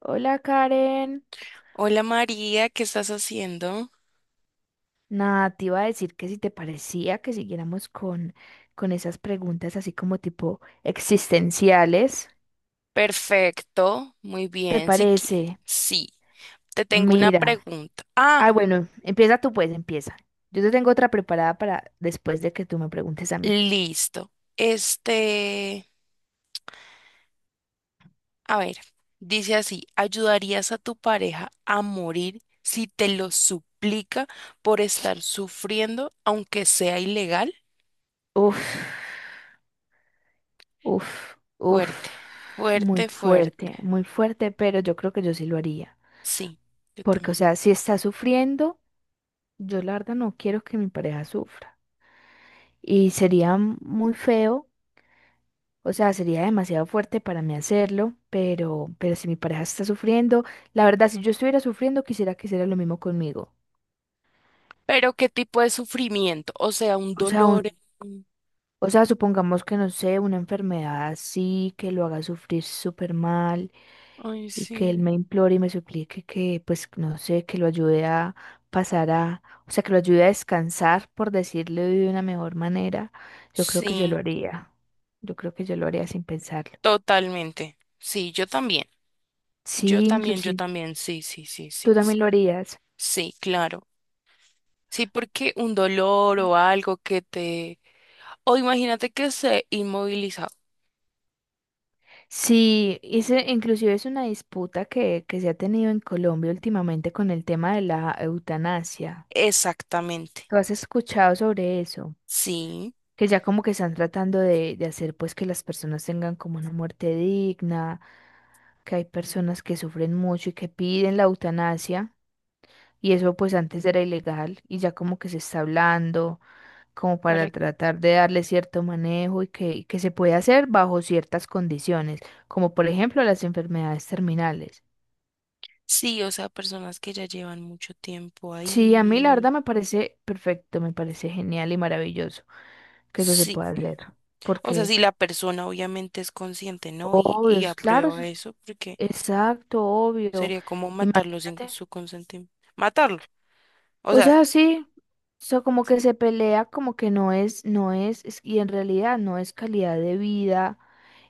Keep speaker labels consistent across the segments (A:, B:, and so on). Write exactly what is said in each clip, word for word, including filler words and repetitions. A: Hola, Karen.
B: Hola María, ¿qué estás haciendo?
A: Nada, te iba a decir que si te parecía que siguiéramos con, con esas preguntas así como tipo existenciales.
B: Perfecto, muy
A: ¿Te
B: bien, si quieres.
A: parece?
B: Sí, te tengo una
A: Mira.
B: pregunta. Ah,
A: Ah, bueno, empieza tú pues, empieza. Yo te tengo otra preparada para después de que tú me preguntes a mí.
B: listo. Este, a ver, dice así, ¿ayudarías a tu pareja a morir si te lo suplica por estar sufriendo, aunque sea ilegal?
A: Uf, uf, uf.
B: Fuerte,
A: Muy
B: fuerte, fuerte.
A: fuerte, muy fuerte, pero yo creo que yo sí lo haría.
B: Sí, yo
A: Porque, o
B: también.
A: sea, si está sufriendo, yo la verdad no quiero que mi pareja sufra. Y sería muy feo. O sea, sería demasiado fuerte para mí hacerlo, pero, pero si mi pareja está sufriendo, la verdad, si yo estuviera sufriendo, quisiera que hiciera lo mismo conmigo.
B: Pero ¿qué tipo de sufrimiento? O sea, un
A: O sea, un,
B: dolor. un-
A: o sea, supongamos que no sé, una enfermedad así, que lo haga sufrir súper mal
B: Ay,
A: y que él
B: sí.
A: me implore y me suplique que, pues, no sé, que lo ayude a pasar a, o sea, que lo ayude a descansar, por decirlo de una mejor manera. Yo creo que yo lo
B: Sí.
A: haría. Yo creo que yo lo haría sin pensarlo.
B: Totalmente. Sí, yo también. Yo
A: Sí,
B: también, yo
A: inclusive
B: también. Sí, sí, sí,
A: tú
B: sí, sí.
A: también lo harías.
B: Sí, claro. Sí, porque un dolor o algo que te... O imagínate que se inmovilizado.
A: Sí, ese inclusive es una disputa que, que se ha tenido en Colombia últimamente con el tema de la eutanasia.
B: Exactamente.
A: ¿Tú has escuchado sobre eso?
B: Sí.
A: Que ya como que están tratando de, de hacer pues que las personas tengan como una muerte digna, que hay personas que sufren mucho y que piden la eutanasia, y eso pues antes era ilegal y ya como que se está hablando como
B: Para...
A: para tratar de darle cierto manejo y que, y que se puede hacer bajo ciertas condiciones, como por ejemplo las enfermedades terminales.
B: Sí, o sea, personas que ya llevan mucho tiempo
A: Sí, a mí la
B: ahí.
A: verdad me parece perfecto, me parece genial y maravilloso que eso se
B: Sí.
A: pueda hacer,
B: O sea,
A: porque
B: si la persona obviamente es consciente, ¿no? Y,
A: obvio,
B: y
A: es claro,
B: aprueba
A: es-
B: eso, porque
A: exacto, obvio,
B: sería como matarlo sin
A: imagínate.
B: su consentimiento. Matarlo. O
A: O
B: sea,
A: sea, sí, sea, como que se pelea, como que no es, no es, es- y en realidad no es calidad de vida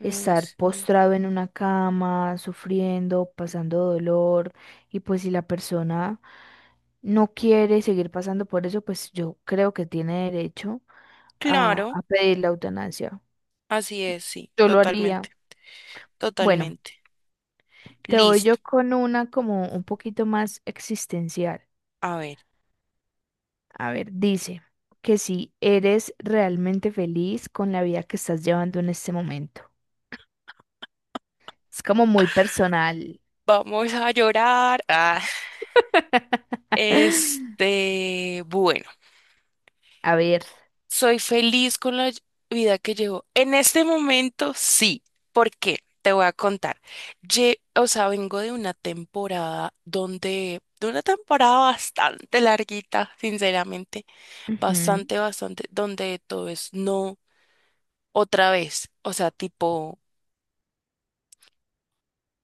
B: ay,
A: estar
B: sí.
A: postrado en una cama, sufriendo, pasando dolor, y pues si la persona no quiere seguir pasando por eso, pues yo creo que tiene derecho a,
B: Claro.
A: a pedir la eutanasia.
B: Así es, sí,
A: Yo lo haría.
B: totalmente,
A: Bueno,
B: totalmente.
A: te voy
B: Listo.
A: yo con una como un poquito más existencial.
B: A ver,
A: A ver, dice que si eres realmente feliz con la vida que estás llevando en este momento. Es como muy personal.
B: vamos a llorar. Ah, este, bueno,
A: A ver.
B: soy feliz con la vida que llevo. En este momento, sí. ¿Por qué? Te voy a contar. Lle- o sea, vengo de una temporada donde, de una temporada bastante larguita, sinceramente,
A: Ujú.
B: bastante, bastante, donde todo es no otra vez. O sea, tipo...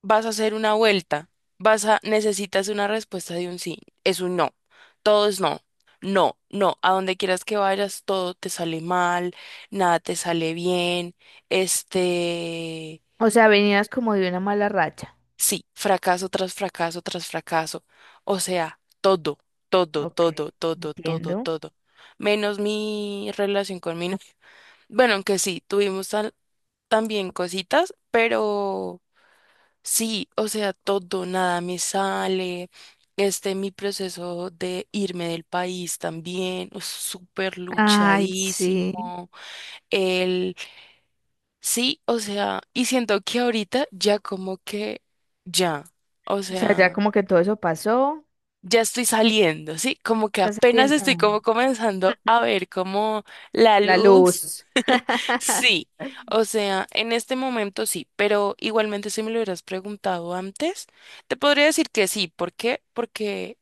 B: vas a hacer una vuelta, vas a, necesitas una respuesta de un sí, es un no, todo es no, no, no, a donde quieras que vayas, todo te sale mal, nada te sale bien, este,
A: O sea, venías como de una mala racha.
B: sí, fracaso tras fracaso tras fracaso, o sea, todo, todo,
A: Ok,
B: todo, todo, todo,
A: entiendo.
B: todo, menos mi relación con mi novio. Bueno, aunque sí, tuvimos tal- también cositas, pero... Sí, o sea, todo, nada me sale. Este, mi proceso de irme del país también, es súper
A: Ay, sí.
B: luchadísimo. El, sí, o sea, y siento que ahorita ya como que, ya, o
A: O sea, ya
B: sea,
A: como que todo eso pasó.
B: ya estoy saliendo, ¿sí? Como que
A: Estás
B: apenas
A: saliendo.
B: estoy
A: Ah,
B: como comenzando a ver como la
A: la
B: luz.
A: luz.
B: Sí, o sea, en este momento sí, pero igualmente si me lo hubieras preguntado antes, te podría decir que sí. ¿Por qué? Porque,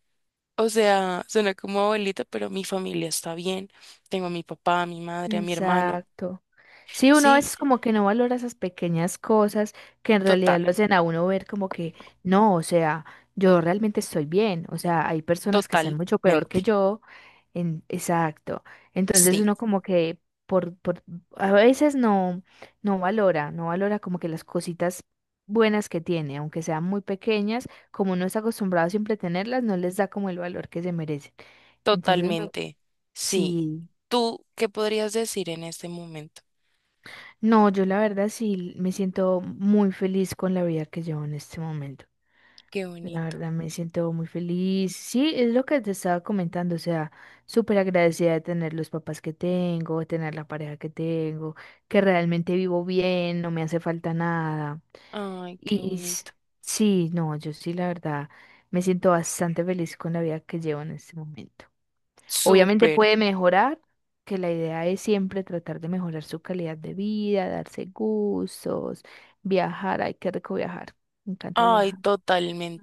B: o sea, suena como abuelita, pero mi familia está bien. Tengo a mi papá, a mi madre, a mi hermano.
A: Exacto. Sí, uno a
B: Sí,
A: veces como que no valora esas pequeñas cosas que en
B: total,
A: realidad lo hacen a uno ver como que no, o sea, yo realmente estoy bien, o sea, hay personas que están mucho peor que
B: totalmente.
A: yo, en, exacto. Entonces
B: Sí,
A: uno como que por, por a veces no, no valora, no valora como que las cositas buenas que tiene, aunque sean muy pequeñas, como uno está acostumbrado siempre a tenerlas, no les da como el valor que se merecen. Entonces, me-
B: totalmente. Sí.
A: sí.
B: ¿Tú qué podrías decir en este momento?
A: No, yo la verdad sí me siento muy feliz con la vida que llevo en este momento.
B: Qué
A: La
B: bonito.
A: verdad me siento muy feliz. Sí, es lo que te estaba comentando, o sea, súper agradecida de tener los papás que tengo, de tener la pareja que tengo, que realmente vivo bien, no me hace falta nada.
B: Ay, qué
A: Y s-
B: bonito.
A: sí, no, yo sí la verdad me siento bastante feliz con la vida que llevo en este momento. Obviamente
B: Súper.
A: puede mejorar, que la idea es siempre tratar de mejorar su calidad de vida, darse gustos, viajar. Ay, qué rico viajar. Me encanta
B: Ay,
A: viajar.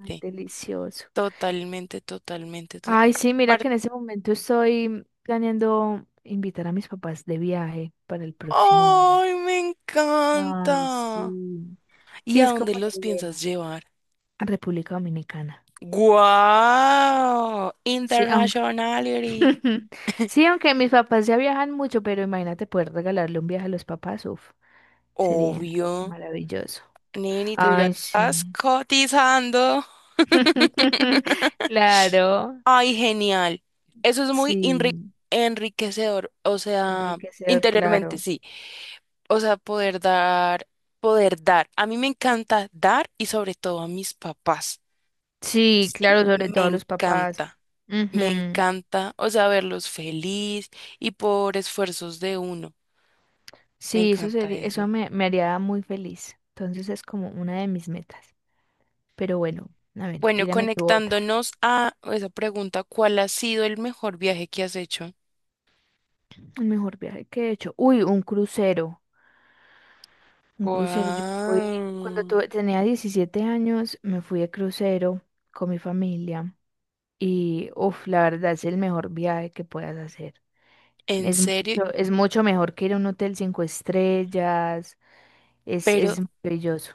A: Ay, delicioso.
B: Totalmente, totalmente. to-
A: Ay, sí, mira
B: Apar-
A: que en ese momento estoy planeando invitar a mis papás de viaje para el próximo año.
B: ¡Ay, me
A: Ay,
B: encanta!
A: sí.
B: ¿Y
A: Sí,
B: a
A: es como
B: dónde
A: la
B: los piensas
A: idea.
B: llevar?
A: República Dominicana.
B: ¡Guau!
A: Sí, aunque
B: Internationality.
A: sí, aunque mis papás ya viajan mucho, pero imagínate poder regalarle un viaje a los papás, uf. Sería
B: Obvio.
A: maravilloso.
B: Neni, tú ya
A: Ay,
B: estás
A: sí.
B: cotizando.
A: Claro,
B: ¡Ay, genial! Eso es muy enri-
A: sí,
B: enriquecedor. O sea,
A: enriquecer,
B: interiormente,
A: claro.
B: sí. O sea, poder dar, poder dar. A mí me encanta dar y sobre todo a mis papás.
A: Sí,
B: Sí,
A: claro, sobre
B: me
A: todo a los papás.
B: encanta. Me
A: Ujú.
B: encanta, o sea, verlos feliz y por esfuerzos de uno. Me
A: Sí, eso
B: encanta
A: sería, eso
B: eso.
A: me, me haría muy feliz. Entonces es como una de mis metas. Pero bueno, a ver,
B: Bueno,
A: tírame tu otra.
B: conectándonos a esa pregunta, ¿cuál ha sido el mejor viaje que has hecho?
A: El mejor viaje que he hecho. Uy, un crucero. Un crucero. Yo fui, cuando
B: Wow.
A: tuve- tenía diecisiete años, me fui de crucero con mi familia. Y, uff, la verdad es el mejor viaje que puedas hacer.
B: ¿En
A: Es mucho,
B: serio?
A: es mucho mejor que ir a un hotel cinco estrellas. Es,
B: Pero,
A: es maravilloso.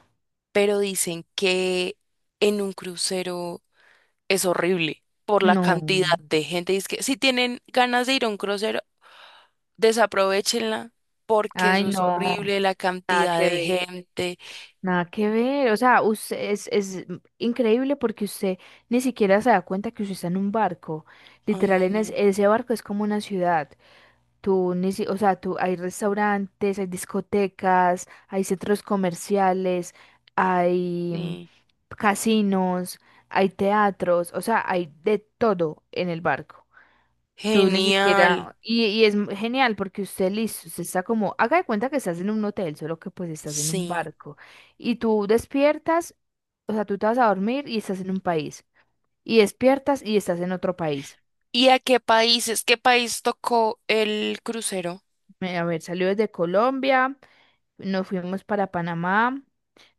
B: pero dicen que en un crucero es horrible por la cantidad
A: No.
B: de gente. Es que si tienen ganas de ir a un crucero, desaprovechenla porque
A: Ay,
B: eso es
A: no.
B: horrible, la
A: Nada
B: cantidad
A: que
B: de
A: ver.
B: gente.
A: Nada que ver. O sea, usted es, es increíble porque usted ni siquiera se da cuenta que usted está en un barco.
B: Ay,
A: Literal, en es-
B: genial.
A: ese barco es como una ciudad. Tú, ni si- o sea, tú, hay restaurantes, hay discotecas, hay centros comerciales, hay mm,
B: Sí.
A: casinos, hay teatros, o sea, hay de todo en el barco. Tú ni
B: Genial,
A: siquiera, y, y es m- genial porque usted listo, usted está como, haga de cuenta que estás en un hotel, solo que pues estás en un
B: sí.
A: barco. Y tú despiertas, o sea, tú te vas a dormir y estás en un país. Y despiertas y estás en otro país.
B: ¿Y a qué países? ¿Qué país tocó el crucero?
A: Me- A ver, salió desde Colombia. Nos fuimos para Panamá,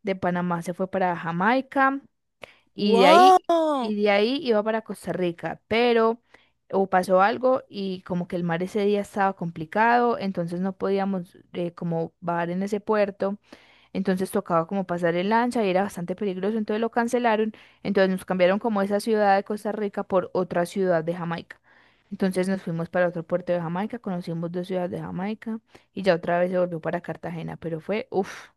A: de Panamá se fue para Jamaica y de ahí
B: ¡Wow!
A: y de ahí iba para Costa Rica, pero o pasó algo y como que el mar ese día estaba complicado, entonces no podíamos eh, como bajar en ese puerto, entonces tocaba como pasar el lancha y era bastante peligroso, entonces lo cancelaron, entonces nos cambiaron como esa ciudad de Costa Rica por otra ciudad de Jamaica. Entonces nos fuimos para otro puerto de Jamaica, conocimos dos ciudades de Jamaica y ya otra vez se volvió para Cartagena, pero fue, uff,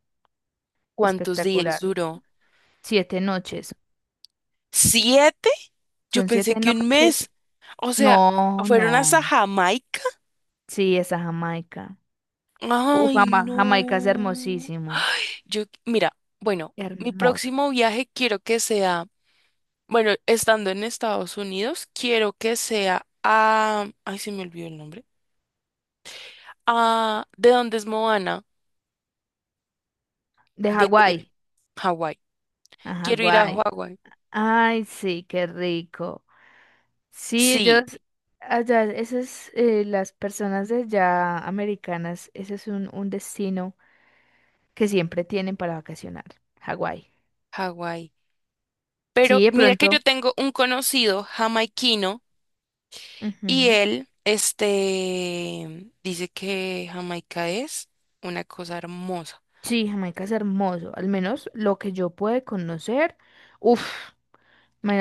B: ¿Cuántos días
A: espectacular.
B: duró?
A: Siete noches,
B: ¿Siete? Yo
A: son
B: pensé
A: siete
B: que un
A: noches.
B: mes. O sea,
A: No,
B: ¿fueron hasta
A: no,
B: Jamaica?
A: sí, esa Jamaica. Uf,
B: Ay,
A: Jama- Jamaica es
B: no.
A: hermosísimo,
B: Yo, mira, bueno, mi
A: hermoso.
B: próximo viaje quiero que sea, bueno, estando en Estados Unidos, quiero que sea a, ay, se me olvidó el nombre, a, ¿de dónde es Moana?
A: De
B: De
A: Hawái,
B: Hawái.
A: a
B: Quiero ir a
A: Hawái.
B: Hawái.
A: Ay, sí, qué rico. Sí,
B: Sí,
A: ellos, allá, esas, eh, las personas de allá americanas, ese es un, un destino que siempre tienen para vacacionar, Hawái.
B: Hawái. Pero
A: Sí, de
B: mira que yo
A: pronto.
B: tengo un conocido jamaiquino y
A: Ujú.
B: él, este, dice que Jamaica es una cosa hermosa.
A: Sí, Jamaica es hermoso, al menos lo que yo pude conocer. Uf,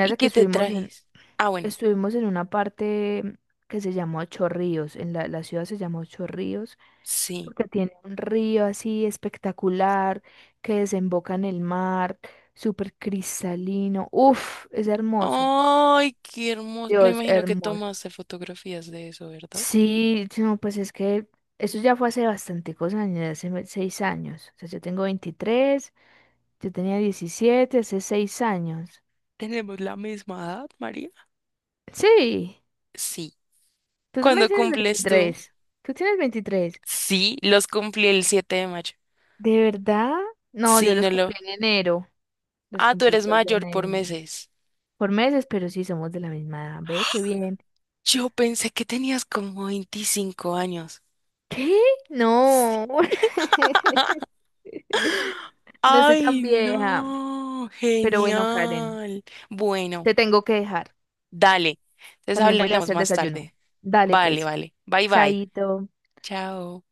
B: ¿Y
A: que
B: qué te
A: estuvimos en,
B: trajiste? Ah, bueno,
A: estuvimos en una parte que se llamó Ocho Ríos, en la, la ciudad se llamó Ocho Ríos,
B: sí.
A: porque tiene un río así espectacular que desemboca en el mar, súper cristalino. Uf, es hermoso.
B: Ay, qué hermoso. Me
A: Dios,
B: imagino que
A: hermoso.
B: tomaste fotografías de eso, ¿verdad?
A: Sí, no, pues es que eso ya fue hace bastanticos años, hace me- seis años. O sea, yo tengo veintitrés, yo tenía diecisiete hace seis años.
B: ¿Tenemos la misma edad, María?
A: Sí,
B: Sí.
A: tú también
B: ¿Cuándo
A: tienes
B: cumples tú?
A: veintitrés. Tú tienes veintitrés.
B: Sí, los cumplí el siete de mayo.
A: ¿De verdad? No,
B: Sí,
A: yo los
B: no lo.
A: cumplí en enero. Los
B: Ah, tú
A: cumplí el
B: eres
A: dos de enero
B: mayor por
A: de enero.
B: meses.
A: Por meses, pero sí somos de la misma edad. Ve, qué bien.
B: Yo pensé que tenías como veinticinco años.
A: ¿Qué?
B: Sí.
A: No. No soy tan
B: Ay,
A: vieja.
B: no,
A: Pero bueno, Karen,
B: genial. Bueno,
A: te tengo que dejar.
B: dale. Entonces
A: También voy a ir a
B: hablamos
A: hacer
B: más
A: desayuno.
B: tarde.
A: Dale,
B: Vale,
A: pues.
B: vale. Bye, bye.
A: Chaito.
B: Chao.